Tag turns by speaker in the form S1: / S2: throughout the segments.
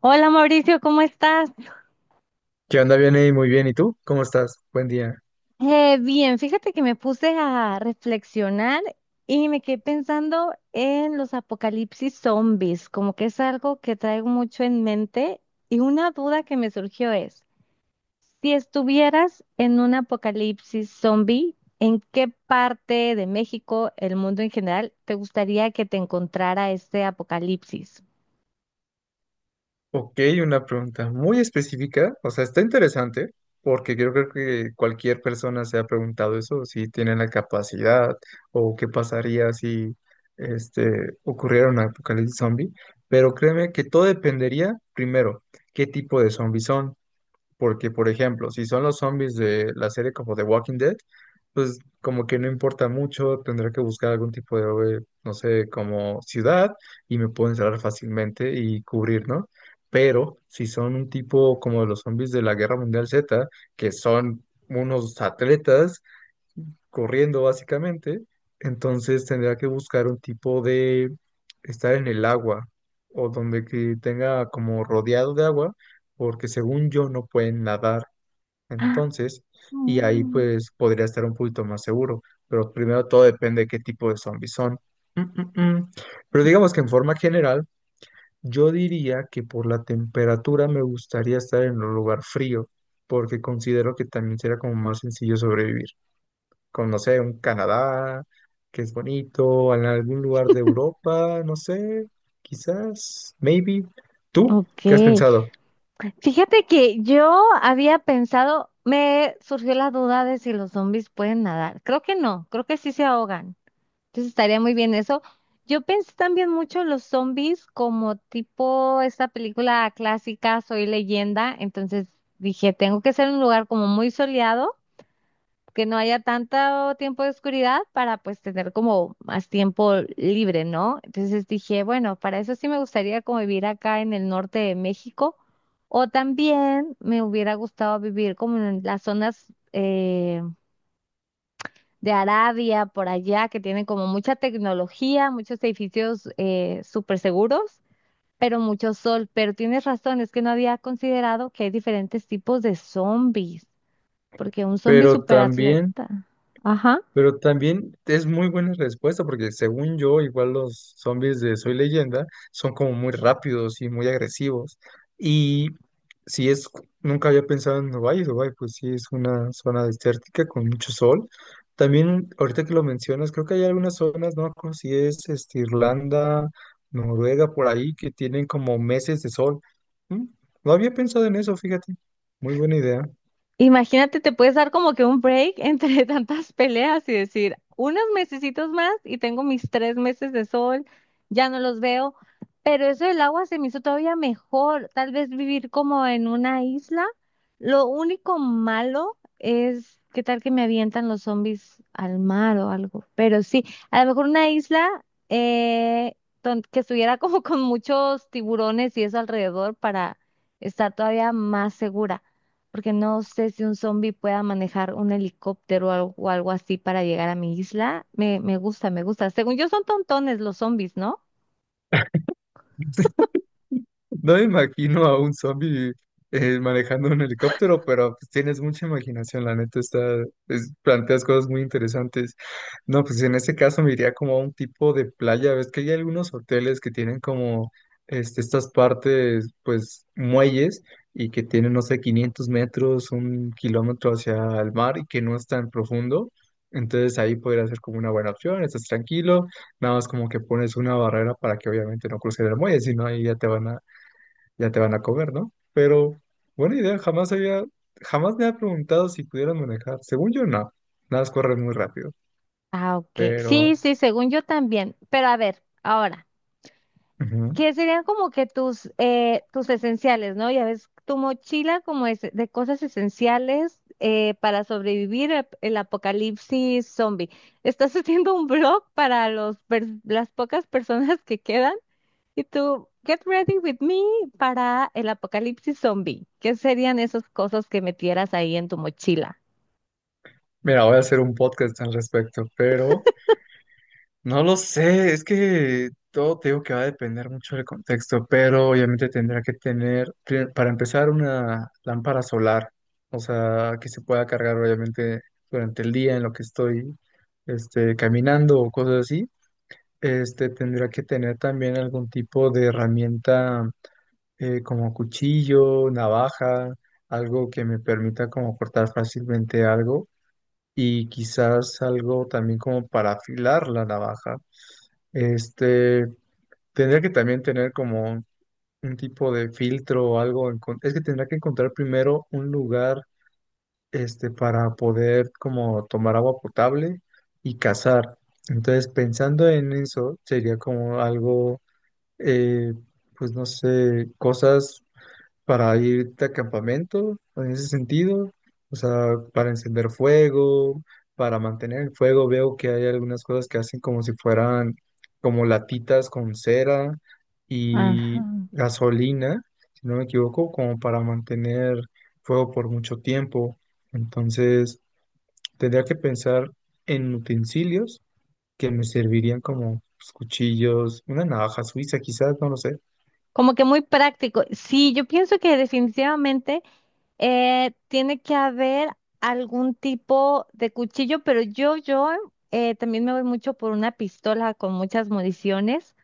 S1: Hola Mauricio, ¿cómo estás?
S2: ¿Qué onda, Vianey? Muy bien. ¿Y tú? ¿Cómo estás? Buen día.
S1: Bien, fíjate que me puse a reflexionar y me quedé pensando en los apocalipsis zombies, como que es algo que traigo mucho en mente, y una duda que me surgió es, si estuvieras en un apocalipsis zombie, ¿en qué parte de México, el mundo en general, te gustaría que te encontrara este apocalipsis?
S2: Ok, una pregunta muy específica. O sea, está interesante porque yo creo que cualquier persona se ha preguntado eso, si tienen la capacidad o qué pasaría si ocurriera un apocalipsis zombie. Pero créeme que todo dependería, primero, qué tipo de zombies son. Porque, por ejemplo, si son los zombies de la serie como The Walking Dead, pues como que no importa mucho, tendré que buscar algún tipo de, no sé, como ciudad y me puedo encerrar fácilmente y cubrir, ¿no? Pero si son un tipo como los zombies de la Guerra Mundial Z, que son unos atletas corriendo básicamente, entonces tendría que buscar un tipo de estar en el agua o donde que tenga como rodeado de agua, porque según yo no pueden nadar.
S1: Ah,
S2: Entonces, y ahí
S1: mm,
S2: pues podría estar un poquito más seguro, pero primero todo depende de qué tipo de zombies son. Mm, mm, mm. Pero digamos que en forma general, yo diría que por la temperatura me gustaría estar en un lugar frío, porque considero que también será como más sencillo sobrevivir. Con, no sé, un Canadá, que es bonito, en algún lugar de Europa, no sé, quizás, maybe. ¿Tú
S1: ok.
S2: qué has pensado?
S1: Fíjate que yo había pensado, me surgió la duda de si los zombies pueden nadar. Creo que no, creo que sí se ahogan. Entonces estaría muy bien eso. Yo pensé también mucho en los zombies como tipo esta película clásica Soy Leyenda. Entonces dije, tengo que ser un lugar como muy soleado que no haya tanto tiempo de oscuridad para pues tener como más tiempo libre, ¿no? Entonces dije, bueno, para eso sí me gustaría como vivir acá en el norte de México, o también me hubiera gustado vivir como en las zonas de Arabia, por allá, que tienen como mucha tecnología, muchos edificios súper seguros. Pero mucho sol, pero tienes razón, es que no había considerado que hay diferentes tipos de zombies, porque un zombie
S2: Pero también...
S1: superatleta. Ajá.
S2: Pero también es muy buena respuesta, porque según yo, igual los zombies de Soy Leyenda son como muy rápidos y muy agresivos. Y si es, nunca había pensado en Dubái, y Dubái pues sí es una zona desértica con mucho sol. También, ahorita que lo mencionas, creo que hay algunas zonas, no me acuerdo si es Irlanda, Noruega, por ahí, que tienen como meses de sol. Mm, No había pensado en eso, fíjate. Muy buena idea.
S1: Imagínate, te puedes dar como que un break entre tantas peleas y decir, unos mesecitos más y tengo mis tres meses de sol, ya no los veo, pero eso del agua se me hizo todavía mejor, tal vez vivir como en una isla. Lo único malo es qué tal que me avientan los zombies al mar o algo, pero sí, a lo mejor una isla, eh, que estuviera como con muchos tiburones y eso alrededor para estar todavía más segura, porque no sé si un zombie pueda manejar un helicóptero o algo así para llegar a mi isla. Me gusta, me gusta. Según yo son tontones los zombies, ¿no?
S2: No me imagino a un zombie manejando un helicóptero, pero pues, tienes mucha imaginación, la neta, está, planteas cosas muy interesantes. No, pues en este caso me iría como a un tipo de playa, ves que hay algunos hoteles que tienen como estas partes, pues muelles, y que tienen, no sé, 500 metros, 1 kilómetro hacia el mar y que no es tan profundo. Entonces ahí podría ser como una buena opción, estás tranquilo, nada más como que pones una barrera para que obviamente no cruce el muelle, si no ahí ya te van a comer, ¿no? Pero buena idea, jamás había, jamás me ha preguntado si pudieran manejar. Según yo, no, nada más corren muy rápido,
S1: Ah, ok. Sí,
S2: pero...
S1: sí, según yo también. Pero a ver, ahora,
S2: ujú.
S1: ¿qué serían como que tus, tus esenciales, ¿no? Ya ves, tu mochila como es de cosas esenciales para sobrevivir el apocalipsis zombie. ¿Estás haciendo un blog para las pocas personas que quedan? Y tú, get ready with me para el apocalipsis zombie. ¿Qué serían esas cosas que metieras ahí en tu mochila?
S2: Mira, voy a hacer un podcast al respecto, pero no lo sé, es que todo te digo que va a depender mucho del contexto, pero obviamente tendrá que tener, para empezar, una lámpara solar, o sea, que se pueda cargar obviamente durante el día en lo que estoy caminando o cosas así. Este tendría que tener también algún tipo de herramienta como cuchillo, navaja, algo que me permita como cortar fácilmente algo y quizás algo también como para afilar la navaja. Este tendría que también tener como un tipo de filtro o algo. Es que tendría que encontrar primero un lugar para poder como tomar agua potable y cazar. Entonces pensando en eso sería como algo eh, pues no sé, cosas para irte a campamento en ese sentido, o sea, para encender fuego, para mantener el fuego, veo que hay algunas cosas que hacen como si fueran como latitas con cera
S1: Ajá.
S2: y gasolina, si no me equivoco, como para mantener fuego por mucho tiempo. Entonces, tendría que pensar en utensilios que me servirían como pues, cuchillos, una navaja suiza quizás, no lo sé.
S1: Como que muy práctico. Sí, yo pienso que definitivamente tiene que haber algún tipo de cuchillo, pero yo también me voy mucho por una pistola con muchas municiones.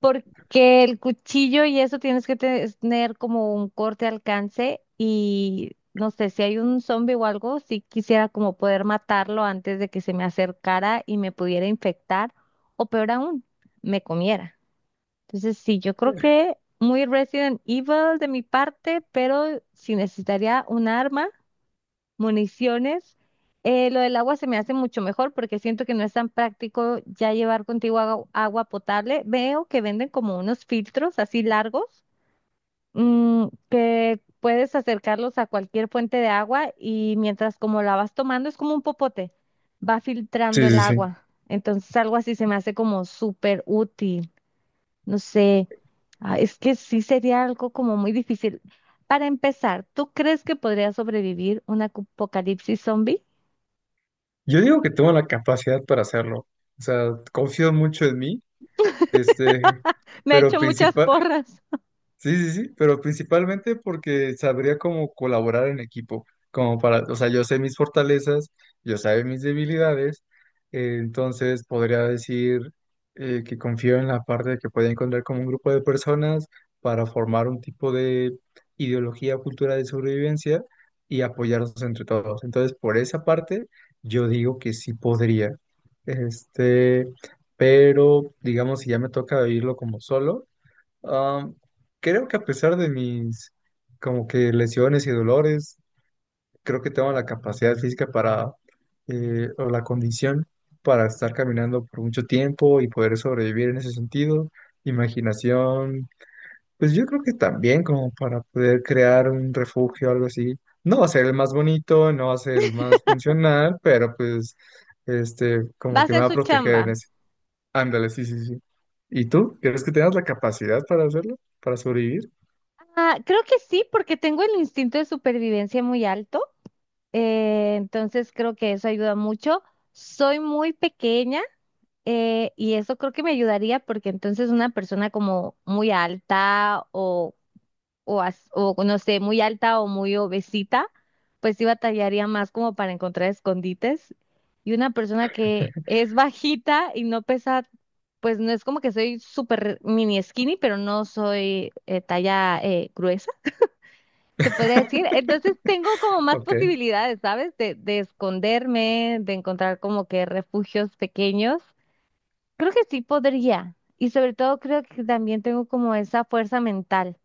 S1: Porque el cuchillo y eso tienes que tener como un corte alcance y no sé, si hay un zombie o algo, sí quisiera como poder matarlo antes de que se me acercara y me pudiera infectar, o peor aún, me comiera. Entonces sí, yo creo que muy Resident Evil de mi parte, pero si necesitaría un arma, municiones. Lo del agua se me hace mucho mejor porque siento que no es tan práctico ya llevar contigo agua potable. Veo que venden como unos filtros así largos, que puedes acercarlos a cualquier fuente de agua y mientras como la vas tomando es como un popote, va filtrando
S2: Sí,
S1: el
S2: sí, sí.
S1: agua. Entonces algo así se me hace como súper útil. No sé, ah, es que sí sería algo como muy difícil. Para empezar, ¿tú crees que podría sobrevivir un apocalipsis zombie?
S2: Yo digo que tengo la capacidad para hacerlo. O sea, confío mucho en mí, este,
S1: Me he
S2: pero
S1: hecho muchas
S2: principal.
S1: porras.
S2: Sí, sí, sí, pero principalmente porque sabría cómo colaborar en equipo, como para, o sea, yo sé mis fortalezas, yo sé mis debilidades, entonces podría decir que confío en la parte de que podía encontrar como un grupo de personas para formar un tipo de ideología, o cultura de sobrevivencia y apoyarnos entre todos. Entonces, por esa parte, yo digo que sí podría. Este, pero digamos, si ya me toca vivirlo como solo. Am, creo que a pesar de mis como que lesiones y dolores, creo que tengo la capacidad física para o la condición para estar caminando por mucho tiempo y poder sobrevivir en ese sentido. Imaginación, pues yo creo que también como para poder crear un refugio, algo así. No va a ser el más bonito, no va a ser el más funcional, pero pues
S1: Va
S2: como
S1: a
S2: que me
S1: ser
S2: va a
S1: su chamba.
S2: proteger en ese. Ándale, sí, sí, sí. ¿Y tú? ¿Crees que tengas la capacidad para hacerlo? ¿Para sobrevivir?
S1: Ah, creo que sí, porque tengo el instinto de supervivencia muy alto. Entonces creo que eso ayuda mucho. Soy muy pequeña, y eso creo que me ayudaría porque entonces una persona como muy alta o no sé, muy alta o muy obesita, pues sí batallaría más como para encontrar escondites. Y una persona que es bajita y no pesa, pues no es como que soy súper mini skinny, pero no soy talla gruesa, se podría decir. Entonces tengo como más
S2: Ok,
S1: posibilidades, ¿sabes? De esconderme, de encontrar como que refugios pequeños. Creo que sí podría. Y sobre todo creo que también tengo como esa fuerza mental,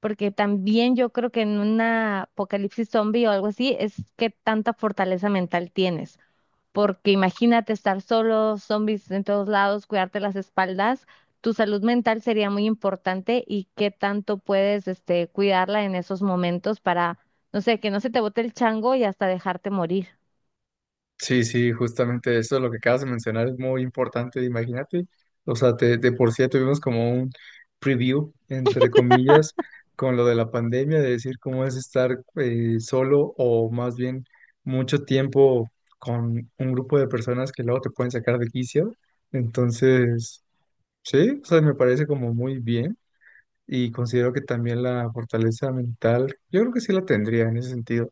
S1: porque también yo creo que en una apocalipsis zombie o algo así es que tanta fortaleza mental tienes, porque imagínate estar solo, zombies en todos lados, cuidarte las espaldas, tu salud mental sería muy importante y qué tanto puedes este cuidarla en esos momentos para, no sé, que no se te bote el chango y hasta dejarte morir.
S2: sí, sí, justamente eso, lo que acabas de mencionar es muy importante, imagínate. O sea, de por sí ya tuvimos como un preview, entre comillas, con lo de la pandemia, de decir cómo es estar solo o más bien mucho tiempo con un grupo de personas que luego te pueden sacar de quicio. Entonces, sí, o sea, me parece como muy bien y considero que también la fortaleza mental, yo creo que sí la tendría en ese sentido.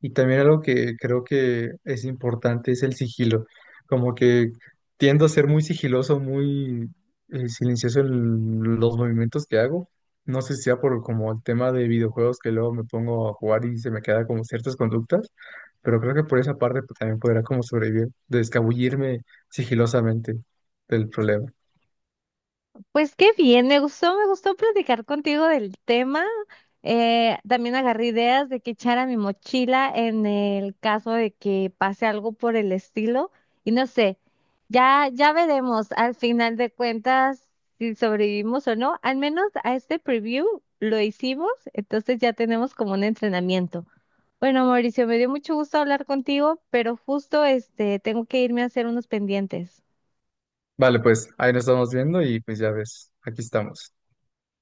S2: Y también algo que creo que es importante es el sigilo. Como que tiendo a ser muy sigiloso, muy silencioso en los movimientos que hago. No sé si sea por como el tema de videojuegos que luego me pongo a jugar y se me queda como ciertas conductas, pero creo que por esa parte pues, también podrá como sobrevivir, de escabullirme sigilosamente del problema.
S1: Pues qué bien, me gustó platicar contigo del tema. También agarré ideas de que echar a mi mochila en el caso de que pase algo por el estilo. Y no sé, ya veremos al final de cuentas si sobrevivimos o no. Al menos a este preview lo hicimos, entonces ya tenemos como un entrenamiento. Bueno, Mauricio, me dio mucho gusto hablar contigo, pero justo este tengo que irme a hacer unos pendientes.
S2: Vale, pues ahí nos estamos viendo y pues ya ves, aquí estamos.